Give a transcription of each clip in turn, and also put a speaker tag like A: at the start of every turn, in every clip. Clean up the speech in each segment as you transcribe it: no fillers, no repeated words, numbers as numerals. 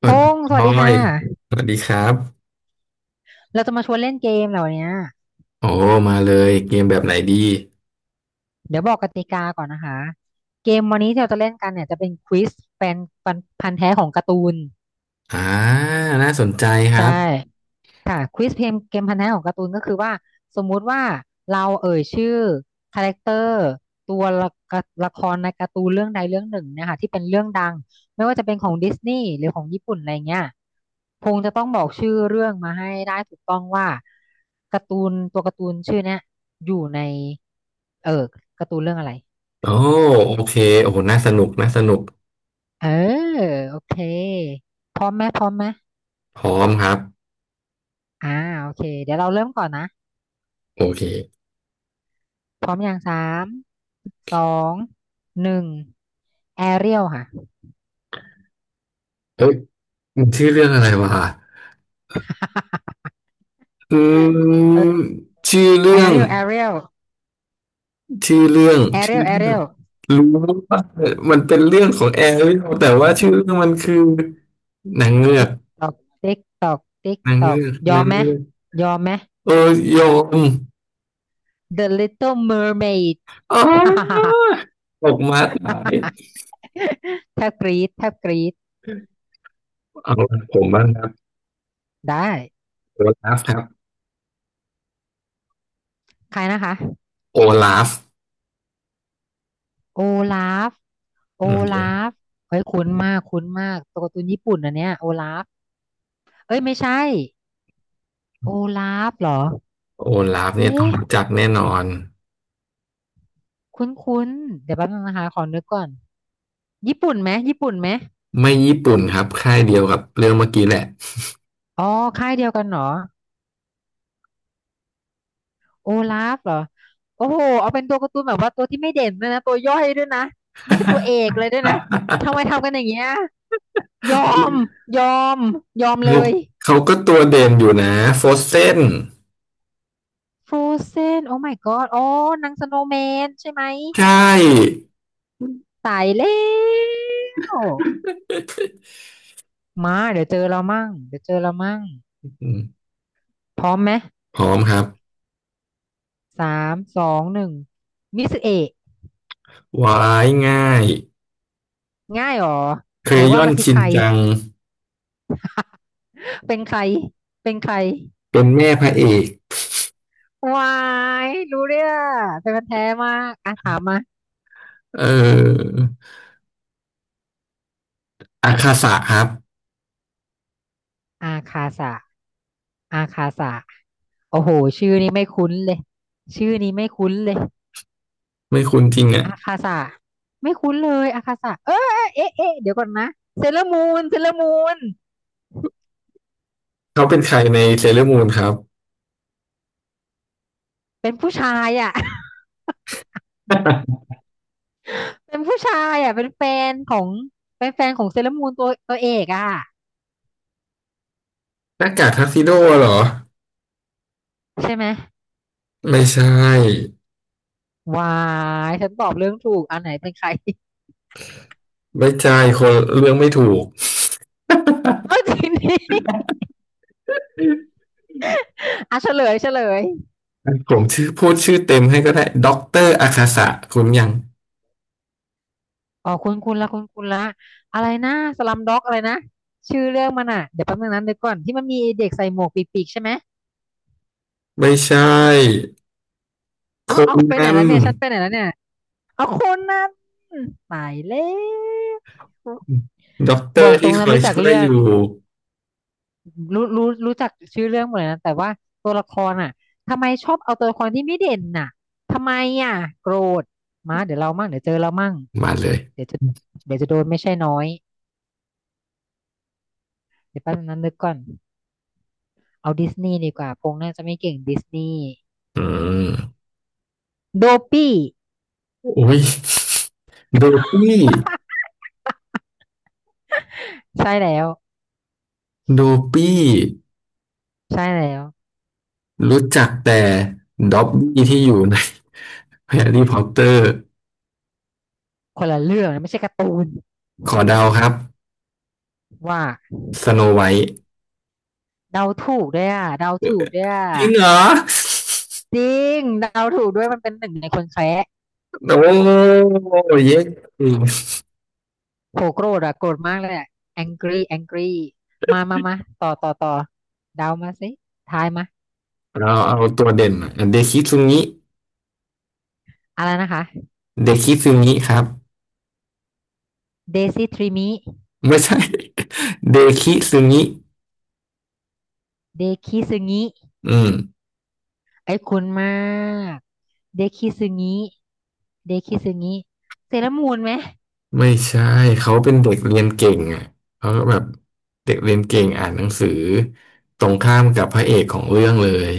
A: ส
B: พ
A: วัสดี
B: งศ์ส
A: บ
B: วัส
A: อ
B: ดี
A: ย
B: ค่ะ
A: สวัสดีครับ
B: เราจะมาชวนเล่นเกมเหล่านี้
A: โอ้มาเลยเกมแบบไหนดี
B: เดี๋ยวบอกกติกาก่อนนะคะ เกมวันนี้ที่เราจะเล่นกันเนี่ยจะเป็นควิซแฟนพันธุ์แท้ของการ์ตูน
A: อ่าน่าสนใจครั
B: ใช่
A: บ
B: ค่ะควิสเพลงเกมพันธะของการ์ตูนก็คือว่าสมมุติว่าเราเอ่ยชื่อคาแรคเตอร์ตัวละกะละครในการ์ตูนเรื่องใดเรื่องหนึ่งเนะคะที่เป็นเรื่องดังไม่ว่าจะเป็นของดิสนีย์หรือของญี่ปุ่นอะไรเงี้ยคงจะต้องบอกชื่อเรื่องมาให้ได้ถูกต้องว่าการ์ตูนตัวการ์ตูนชื่อเนี้ยอยู่ในเออการ์ตูนเรื่องอะไร
A: โอ้โอเคโอ้โหน่าสนุกน่าสนุก
B: เออโอเคพร้อมไหมพร้อมไหม
A: พร้อมครับ
B: อ่าโอเคเดี๋ยวเราเริ่มก่อนนะ
A: โอเค
B: พร้อมอย่างสามสองหนึ่ง แอเรียลค่ะ
A: เอ้ยมันชื่อเรื่องอะไรวะอืมชื่อ
B: แอ
A: เรื่อง
B: เรียลแอเรียล
A: ชื่อเรื่อง
B: แอเรี
A: ชื่
B: ย
A: อ
B: ลแอ
A: เรื่
B: เรี
A: อง
B: ยล
A: รู้ว่ามันเป็นเรื่องของแอร์แต่ว่าชื่อเรื่องมันคือนางเงือ
B: ติ๊
A: ก
B: กตอกติ๊กตอกติ๊ก
A: นาง
B: ตอ
A: เงื
B: ก
A: อก
B: ยอ
A: นา
B: ม
A: ง
B: ไหม
A: เงือก
B: ยอมไหม
A: เออยอม
B: The Little Mermaid
A: อ๋อ ตกมาตาย
B: แทบกรี๊ดแทบกรี๊ด
A: เอาผมบ้างครับ
B: ได้
A: โอลาฟครับ
B: ใครนะคะ
A: โอลาฟ
B: โอลาฟโอ
A: เนี่ย
B: ลาฟเฮ้ยคุ้นมากคุ้นมากตัวการ์ตูนญี่ปุ่นอันเนี้ยโอลาฟเอ้ยไม่ใช่โอลาฟเหรอ
A: โอลาฟเนี่ยต้อง
B: เอ๊ะ
A: รู้จักแน่นอน
B: คุ้นคุ้นเดี๋ยวแป๊บนึงนะคะขอนึกก่อนญี่ปุ่นไหมญี่ปุ่นไหม
A: ไม่ญี่ปุ่นครับค่ายเดียวกับเรื่องเมื่อกี้แหละ
B: อ๋อค่ายเดียวกันเหรอ โอลาฟเหรอโอ้โหเอาเป็นตัวการ์ตูนแบบว่าตัวที่ไม่เด่นด้วยนะตัวย่อยด้วยนะไม่ใช่ตัวเอกเลยด้วยนะทำไมทำกันอย่างเงี้ยยอมยอมยอมเล
A: เขา
B: ย
A: เขาก็ตัวเด่นอยู่นะโฟเซน
B: ฟรูเซนโอ้ my god อ๋อนางสโนว์แมนใช่ไหม
A: ใช่
B: ตายแล้วมาเดี๋ยวเจอเรามั่งเดี๋ยวเจอเรามั่ง
A: อืม
B: พร้อมไหม
A: พร้อมครับ
B: สามสองหนึ่งมิสเอะ
A: วายง่าย
B: ง่ายเหรอ
A: เค
B: ไหน
A: ย
B: ว่า
A: ย่อน
B: มาสิ
A: ชิ
B: ใค
A: น
B: ร
A: จัง
B: เป็นใครเป็นใคร
A: เป็นแม่พระเอก
B: วายรู้เรื่องเป็นคนแท้มากอ่ะถามมา
A: เอออาคาสะครับ
B: อาคาสะอาคาสะโอ้โหชื่อนี้ไม่คุ้นเลยชื่อนี้ไม่คุ้นเลย
A: ไม่คุ้นจริงอ่ะ
B: อาคาสะไม่คุ้นเลยอาคาสะเออเอ๊ะเอ๊ะเดี๋ยวก่อนนะเซเลอร์มูนเซเลอร์มูน
A: เขาเป็นใครในเซเลอร์มูนครับ
B: เป็นผู้ชายอ่ะ เป็นผู้ชายอ่ะเป็นแฟนของเป็นแฟนของเซเลอร์มูนตัวตัวเอกอ่ะ
A: หน้ากากทักซิโดเหรอ
B: ใช่ไหม
A: ไม่ใช่
B: วายฉันตอบเรื่องถูกอันไหนเป็นใคร
A: ไว้ใจคนเรื่องไม่ถูก
B: เอาจริงดิ อ่ะเฉลยเฉลย
A: ผมชื่อพูดชื่อเต็มให้ก็ได้ด็อกเตอร์อาคาสะคุณยัง
B: อ๋อคุณคุณละคุณคุณละอะไรนะสลัมด็อกอะไรนะชื่อเรื่องมันอ่ะเดี๋ยวแป๊บนึงนั้นเดี๋ยวก่อนที่มันมีเด็กใส่หมวกปีกๆใช่ไหม
A: ไม่ใช่ค
B: เอา
A: น
B: เอาไปไหน
A: นั้น
B: แล้วเนี่ยฉันไปไหนแล้วเนี่ยเอาคนนั้นตายแล้ว
A: ด็อกเต
B: บ
A: อ
B: อก
A: ร์
B: ตร
A: ที่
B: ง
A: ค
B: นะ
A: อย
B: รู้จัก
A: ช่วย
B: เรื่อ
A: อ
B: ง
A: ยู่
B: รู้รู้รู้จักชื่อเรื่องหมดเลยนะแต่ว่าตัวละครอ่ะทำไมชอบเอาตัวละครที่ไม่เด่นน่ะทำไมอ่ะโกรธมาเดี๋ยวเรามั่งเดี๋ยวเจอเรามั่ง
A: มาเลย
B: เดี๋ยวจะเดี๋ยวจะโดนไม่ใช่น้อยเดี๋ยวแป๊บนึงนั้นนึกก่อน เอาดิสนีย์ดีกว่าพงษ์น่าจะไม่เก่งดิสนีย์
A: อืม
B: โดปี้
A: อุ้ยโดปี้
B: ใช่แล้ว
A: โดปี้
B: ใช่แล้ว
A: รู้จักแต่ด็อบบี้ที่อยู่ในแฮร์รี่พอตเตอร์
B: คนละเรื่องนะไม่ใช่การ์ตูน
A: ขอเดาครับ
B: ว่า
A: สโนไวท์
B: เดาถูกด้วยอ่ะเดาถูกด้วยอ่ะ
A: จริงเหรอ
B: จริงเดาถูกด้วยมันเป็นหนึ่งในคนแคระ
A: โอ้เย้
B: โหโกรธอ่ะโกรธมากเลยอ่ะ angry angry มามามาต่อต่อต่อเดามาสิทายมา
A: เราเอาตัวเด่นเดคิซึงิ
B: อะไรนะคะ
A: เดคิซึงิครับ
B: เดซิทริมิ
A: ไม่ใช่ เดคิซึงิ
B: เดคิซึงิ
A: อืม
B: ไอ้คุณมากเดคิซึงิเดคิซึงิเซเลอรามูนไหม
A: ไม่ใช่เขาเป็นเด็กเรียนเก่งอ่ะเขาก็แบบเด็กเรียนเก่งอ่านหนังสือตรงข้ามกับพระเอกของเรื่องเลย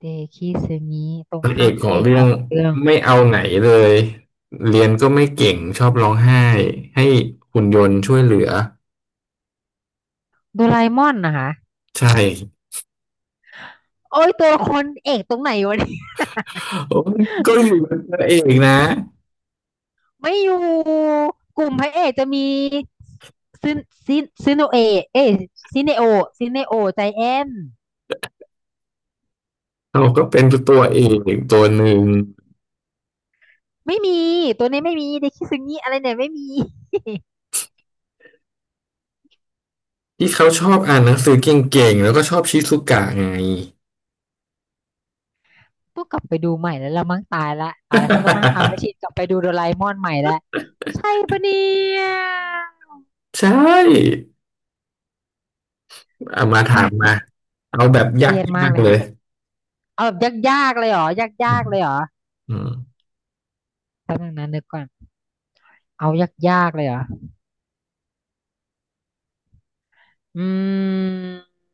B: เดคิซึงิตร
A: พ
B: ง
A: ระเอ
B: ข้าง
A: ก
B: กับ
A: ข
B: พ
A: อ
B: ระ
A: ง
B: เอกข
A: เรื่อ
B: อ
A: ง
B: งเรื่อง
A: ไม่เอาไหนเลยเรียนก็ไม่เก่งชอบร้องไห้ให้หุ่นยนต์ช่วยเหลือ
B: โดราเอมอนนะคะ
A: ใช่
B: โอ้ยตัวละครเอกตรงไหนวะเนี่ย
A: โอ้ยก็อยู่เป็นพระเอกนะ
B: ไม่อยู่กลุ่มพระเอกจะมีซินซินซินโนเอะเอยซินเนโอซินเนโอใจแอน
A: เราก็เป็นตัวเอกตัวหนึ่ง
B: ไม่มีตัวนี้ไม่มีเดคิซึงิอะไรเนี่ยไม่มี
A: ที่เขาชอบอ่านหนังสือเก่งๆ แล้วก็ชอบชิซุกะไง
B: ต้องกลับไปดูใหม่แล้วละมั้งตายละตายแล้วฉันต้องนั่งทำแมชชีนกลับไปดูโดราเอมอนใหม่แล้วใช่ปะเนี่ย
A: ใช่เอามาถาม
B: อ่ะ
A: มาเอาแบบย
B: เครียดมา
A: า
B: ก
A: ก
B: เล
A: ๆ
B: ย
A: เล
B: เนี่
A: ย
B: ยเอาแบบยากๆเลยเหรอ
A: อื
B: ยาก
A: ม
B: ๆเลยเหรอ
A: อืม
B: แป๊บนึงนะนึกก่อน เอายากๆเลยเหรออืม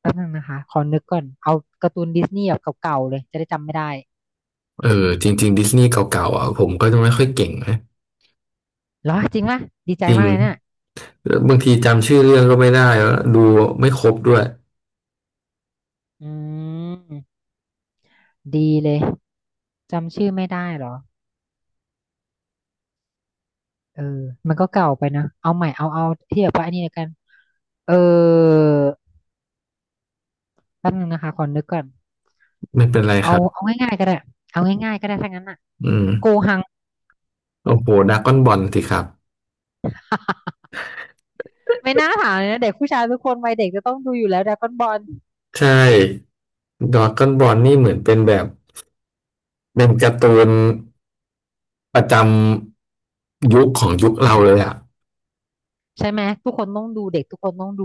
B: แป๊บนึงนะคะขอนึกก่อนเอาการ์ตูนดิสนีย์แบบเก่าๆเลยจะได้จำไม่ได้
A: เออจริงๆดิสนีย์เก่าๆอ่ะผมก็จะไม่ค่อยเก่งนะ
B: เหรอจริงปะดีใจ
A: จริ
B: มา
A: ง
B: กเลยเนี่ย
A: แล้วบางทีจำชื่อเรื่องก็ไม่ได้แล้วดูไม่ครบด้วย
B: อืมดีเลยจำชื่อไม่ได้เหรอเออมันก็เก่าไปนะเอาใหม่เอาเอาที่แบบว่าอันนี้แล้วกันเออแป๊บนึงนะคะขอนึกก่อน
A: ไม่เป็นไรค
B: เอา
A: รับ
B: เอาง่ายๆก็ได้เอาง่ายๆก็ได้ถ้างั้นอ่ะ
A: อืม
B: โกหัง
A: โอ้โหดราก้อนบอลสิครับ
B: ไม่น่าถามเลยนะเด็กผู้ชายทุกคนวัยเด็กจะต้องดูอยู่แล้วดราก้อนบอล
A: ใช่ดราก้อนบอลนี่เหมือนเป็นแบบเป็นการ์ตูนประจำยุคของยุคเราเลยอ่ะ
B: ใช่ไหมทุกคนต้องดูเด็กทุกคนต้องดู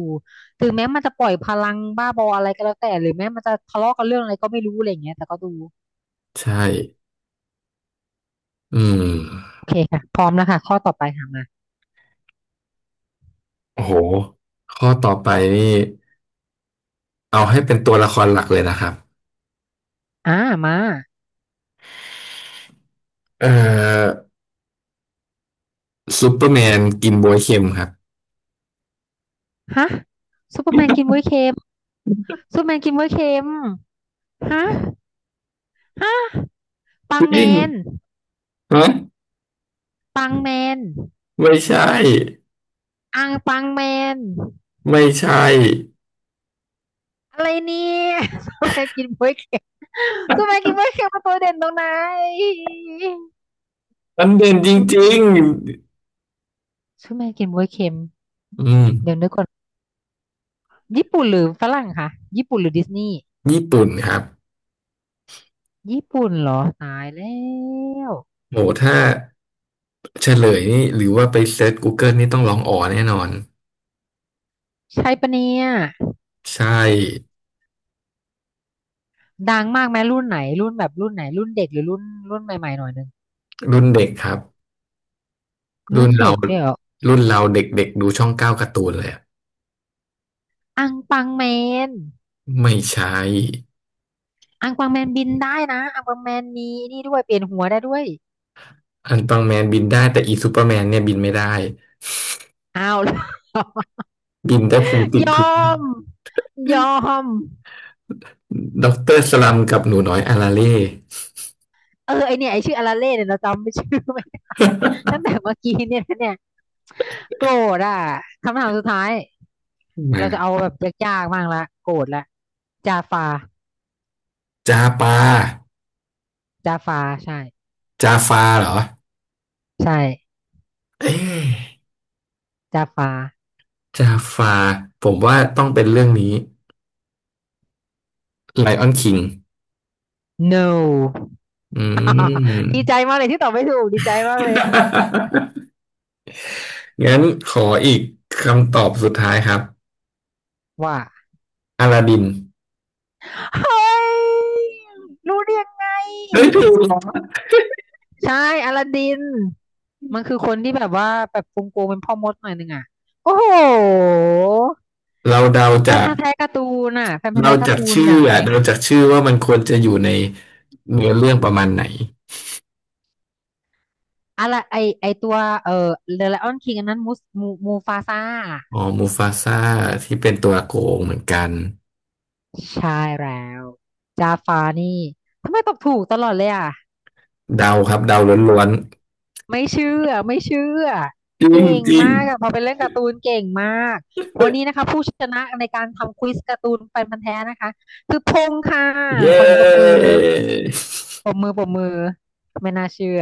B: ถึงแม้มันจะปล่อยพลังบ้าบออะไรก็แล้วแต่หรือแม้มันจะทะเลาะกันเรื่องอะไรก็ไม่รู้อะไรอย่างเงี้ยแต่ก็ดู
A: ใช่ อืม
B: โอเคค่ะพร้อมแล้วค่ะข้อต่อไปค่ะมา
A: โอ้โหข้อต่อไปนี่เอาให้เป็นตัวละครหลักเลยนะครับ
B: อ่ามา
A: เอ่อซูเปอร์แมนกินบ๊วยเค็มครับ
B: ฮะซูเปอร์แมนกินบ๊วยเค็มซูเปอร์แมนกินบ๊วยเค็มฮะฮะปั
A: จ
B: งแม
A: ริง
B: น
A: ฮะ
B: ปังแมน
A: ไม่ใช่
B: อังปังแมน
A: ไม่ใช่
B: อะไรเนี่ยซูเปอร์แมนกินบ๊วยเค็มซูเปอร์แมนกินบ๊วยเค็มมัตัวเด่นตรงไหน
A: มันเด่นจ
B: ซูเปอร์
A: ริง
B: ซูเปอร์แมนกินบ๊วยเค็ม
A: ๆอืม
B: เดี๋ยวนึกก่อน ญี่ปุ่นหรือฝรั่งคะญี่ปุ่นหรือดิสนีย์
A: ญี่ปุ่นครับ
B: ญี่ปุ่นเหรอตายแล้ว
A: โหถ้าเฉลยนี่หรือว่าไปเซิร์ช Google นี่ต้องร้องอ๋อแน่นอน
B: ใช่ปะเนี่ย
A: ใช่
B: ดังมากไหมรุ่นไหนรุ่นแบบรุ่นไหนรุ่นเด็กหรือรุ่นรุ่นใหม่ๆหน่อยนึง
A: รุ่นเด็กครับ
B: รุ่
A: รุ่
B: น
A: นเรา
B: เด็กด้วยเหรอ
A: รุ่นเราเด็กๆดูช่องเก้าการ์ตูนเลยอะ
B: อังปังแมน
A: ไม่ใช่
B: อังปังแมนบินได้นะอังปังแมนมีนี่ด้วยเปลี่ยนหัวได้ด้วย
A: อันตองแมนบินได้แต่อีซูเปอร์แมนเนี่ยบินไม่ได้
B: อ้าว
A: บินได้พุงติด
B: ย
A: พื้
B: อ
A: น
B: มยอม
A: ด็อกเตอร์สลัมกับหนูน้อยอาราเล่
B: เออไอเนี่ยชื่ออาราเล่เนี่ยเราจำไม่ได้ ตั้งแต่เมื่อกี้เนี่ยนะเนี่ยโกรธอ่ะคำถามสุดท้าย
A: มา
B: เราจะเอาแบบยากๆบ้างละโกรธละจาฟา
A: จาปา
B: จาฟาใช่
A: จาฟาเหรอ
B: ใช่
A: เอ๊ะ
B: จาฟา
A: จาฟาผมว่าต้องเป็นเรื่องนี้ไลออนคิง
B: no
A: อืม
B: ดีใจ มากเลยที่ตอบไม่ถูกดีใจมากเลย
A: งั้นขออีกคำตอบสุดท้ายครับ
B: ว่า
A: อลาดิน
B: เฮ้ยรู้ได้ยังไง
A: เฮ้ยถูกเหรอ
B: ใช่อลาดินมันคือคนที่แบบว่าแบบโกงๆเป็นพ่อมดหน่อยนึงอ่ะโอ้โห
A: เราเดา
B: แฟ
A: จา
B: น
A: ก
B: พันธุ์แท้การ์ตูนน่ะแฟนพันธุ์
A: เรา
B: แท้กา
A: จา
B: ร์
A: ก
B: ตูน
A: ชื่
B: อ
A: อ
B: ย่างแร
A: อะ
B: ง
A: เราจากชื่อว่ามันควรจะอยู่ในเนื้อเรื่องประมาณไหน
B: อะไรไอตัวเอ่อเดอะไลออนคิงอันนั้นมูสมูมูฟาซ่า
A: อ๋อมูฟาซ่าที่เป็นตัวโกงเหมือนกัน
B: ใช่แล้วจาฟานี่ทำไมตอบถูกตลอดเลยอ่ะ
A: เดาครับเดาล้วน
B: ไม่เชื่อไม่เชื่อ
A: ๆจริง
B: เก่ง
A: จริง
B: มากอะพอไปเล่นการ์ตูนเก่งมากวันนี้นะคะผู้ชนะในการทำควิสการ์ตูนแฟนพันธุ์แท้นะคะคือพงษ์ค่ะข
A: เย้
B: อเสียงปรบมือ ปรบมือปรบมือไม่น่าเชื่อ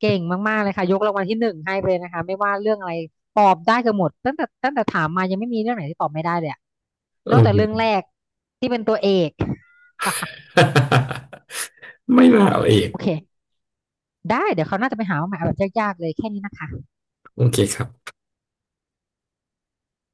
B: เก่งมากๆเลยค่ะยกรางวัลที่หนึ่งให้ไปเลยนะคะไม่ว่าเรื่องอะไรตอบได้เกือบหมดตั้งแต่ถามมายังไม่มีเรื่องไหนที่ตอบไม่ได้เลยอะ
A: เอ
B: นอกจากเรื่อง
A: อ
B: แรกที่เป็นตัวเอก
A: ไม่มาเอาเอง
B: โอเค ได้เดี๋ยวเขาวหน่าจะไปหามาใหม่เอาแบบยากๆเลยแค่นี้นะคะ
A: โอเคครับ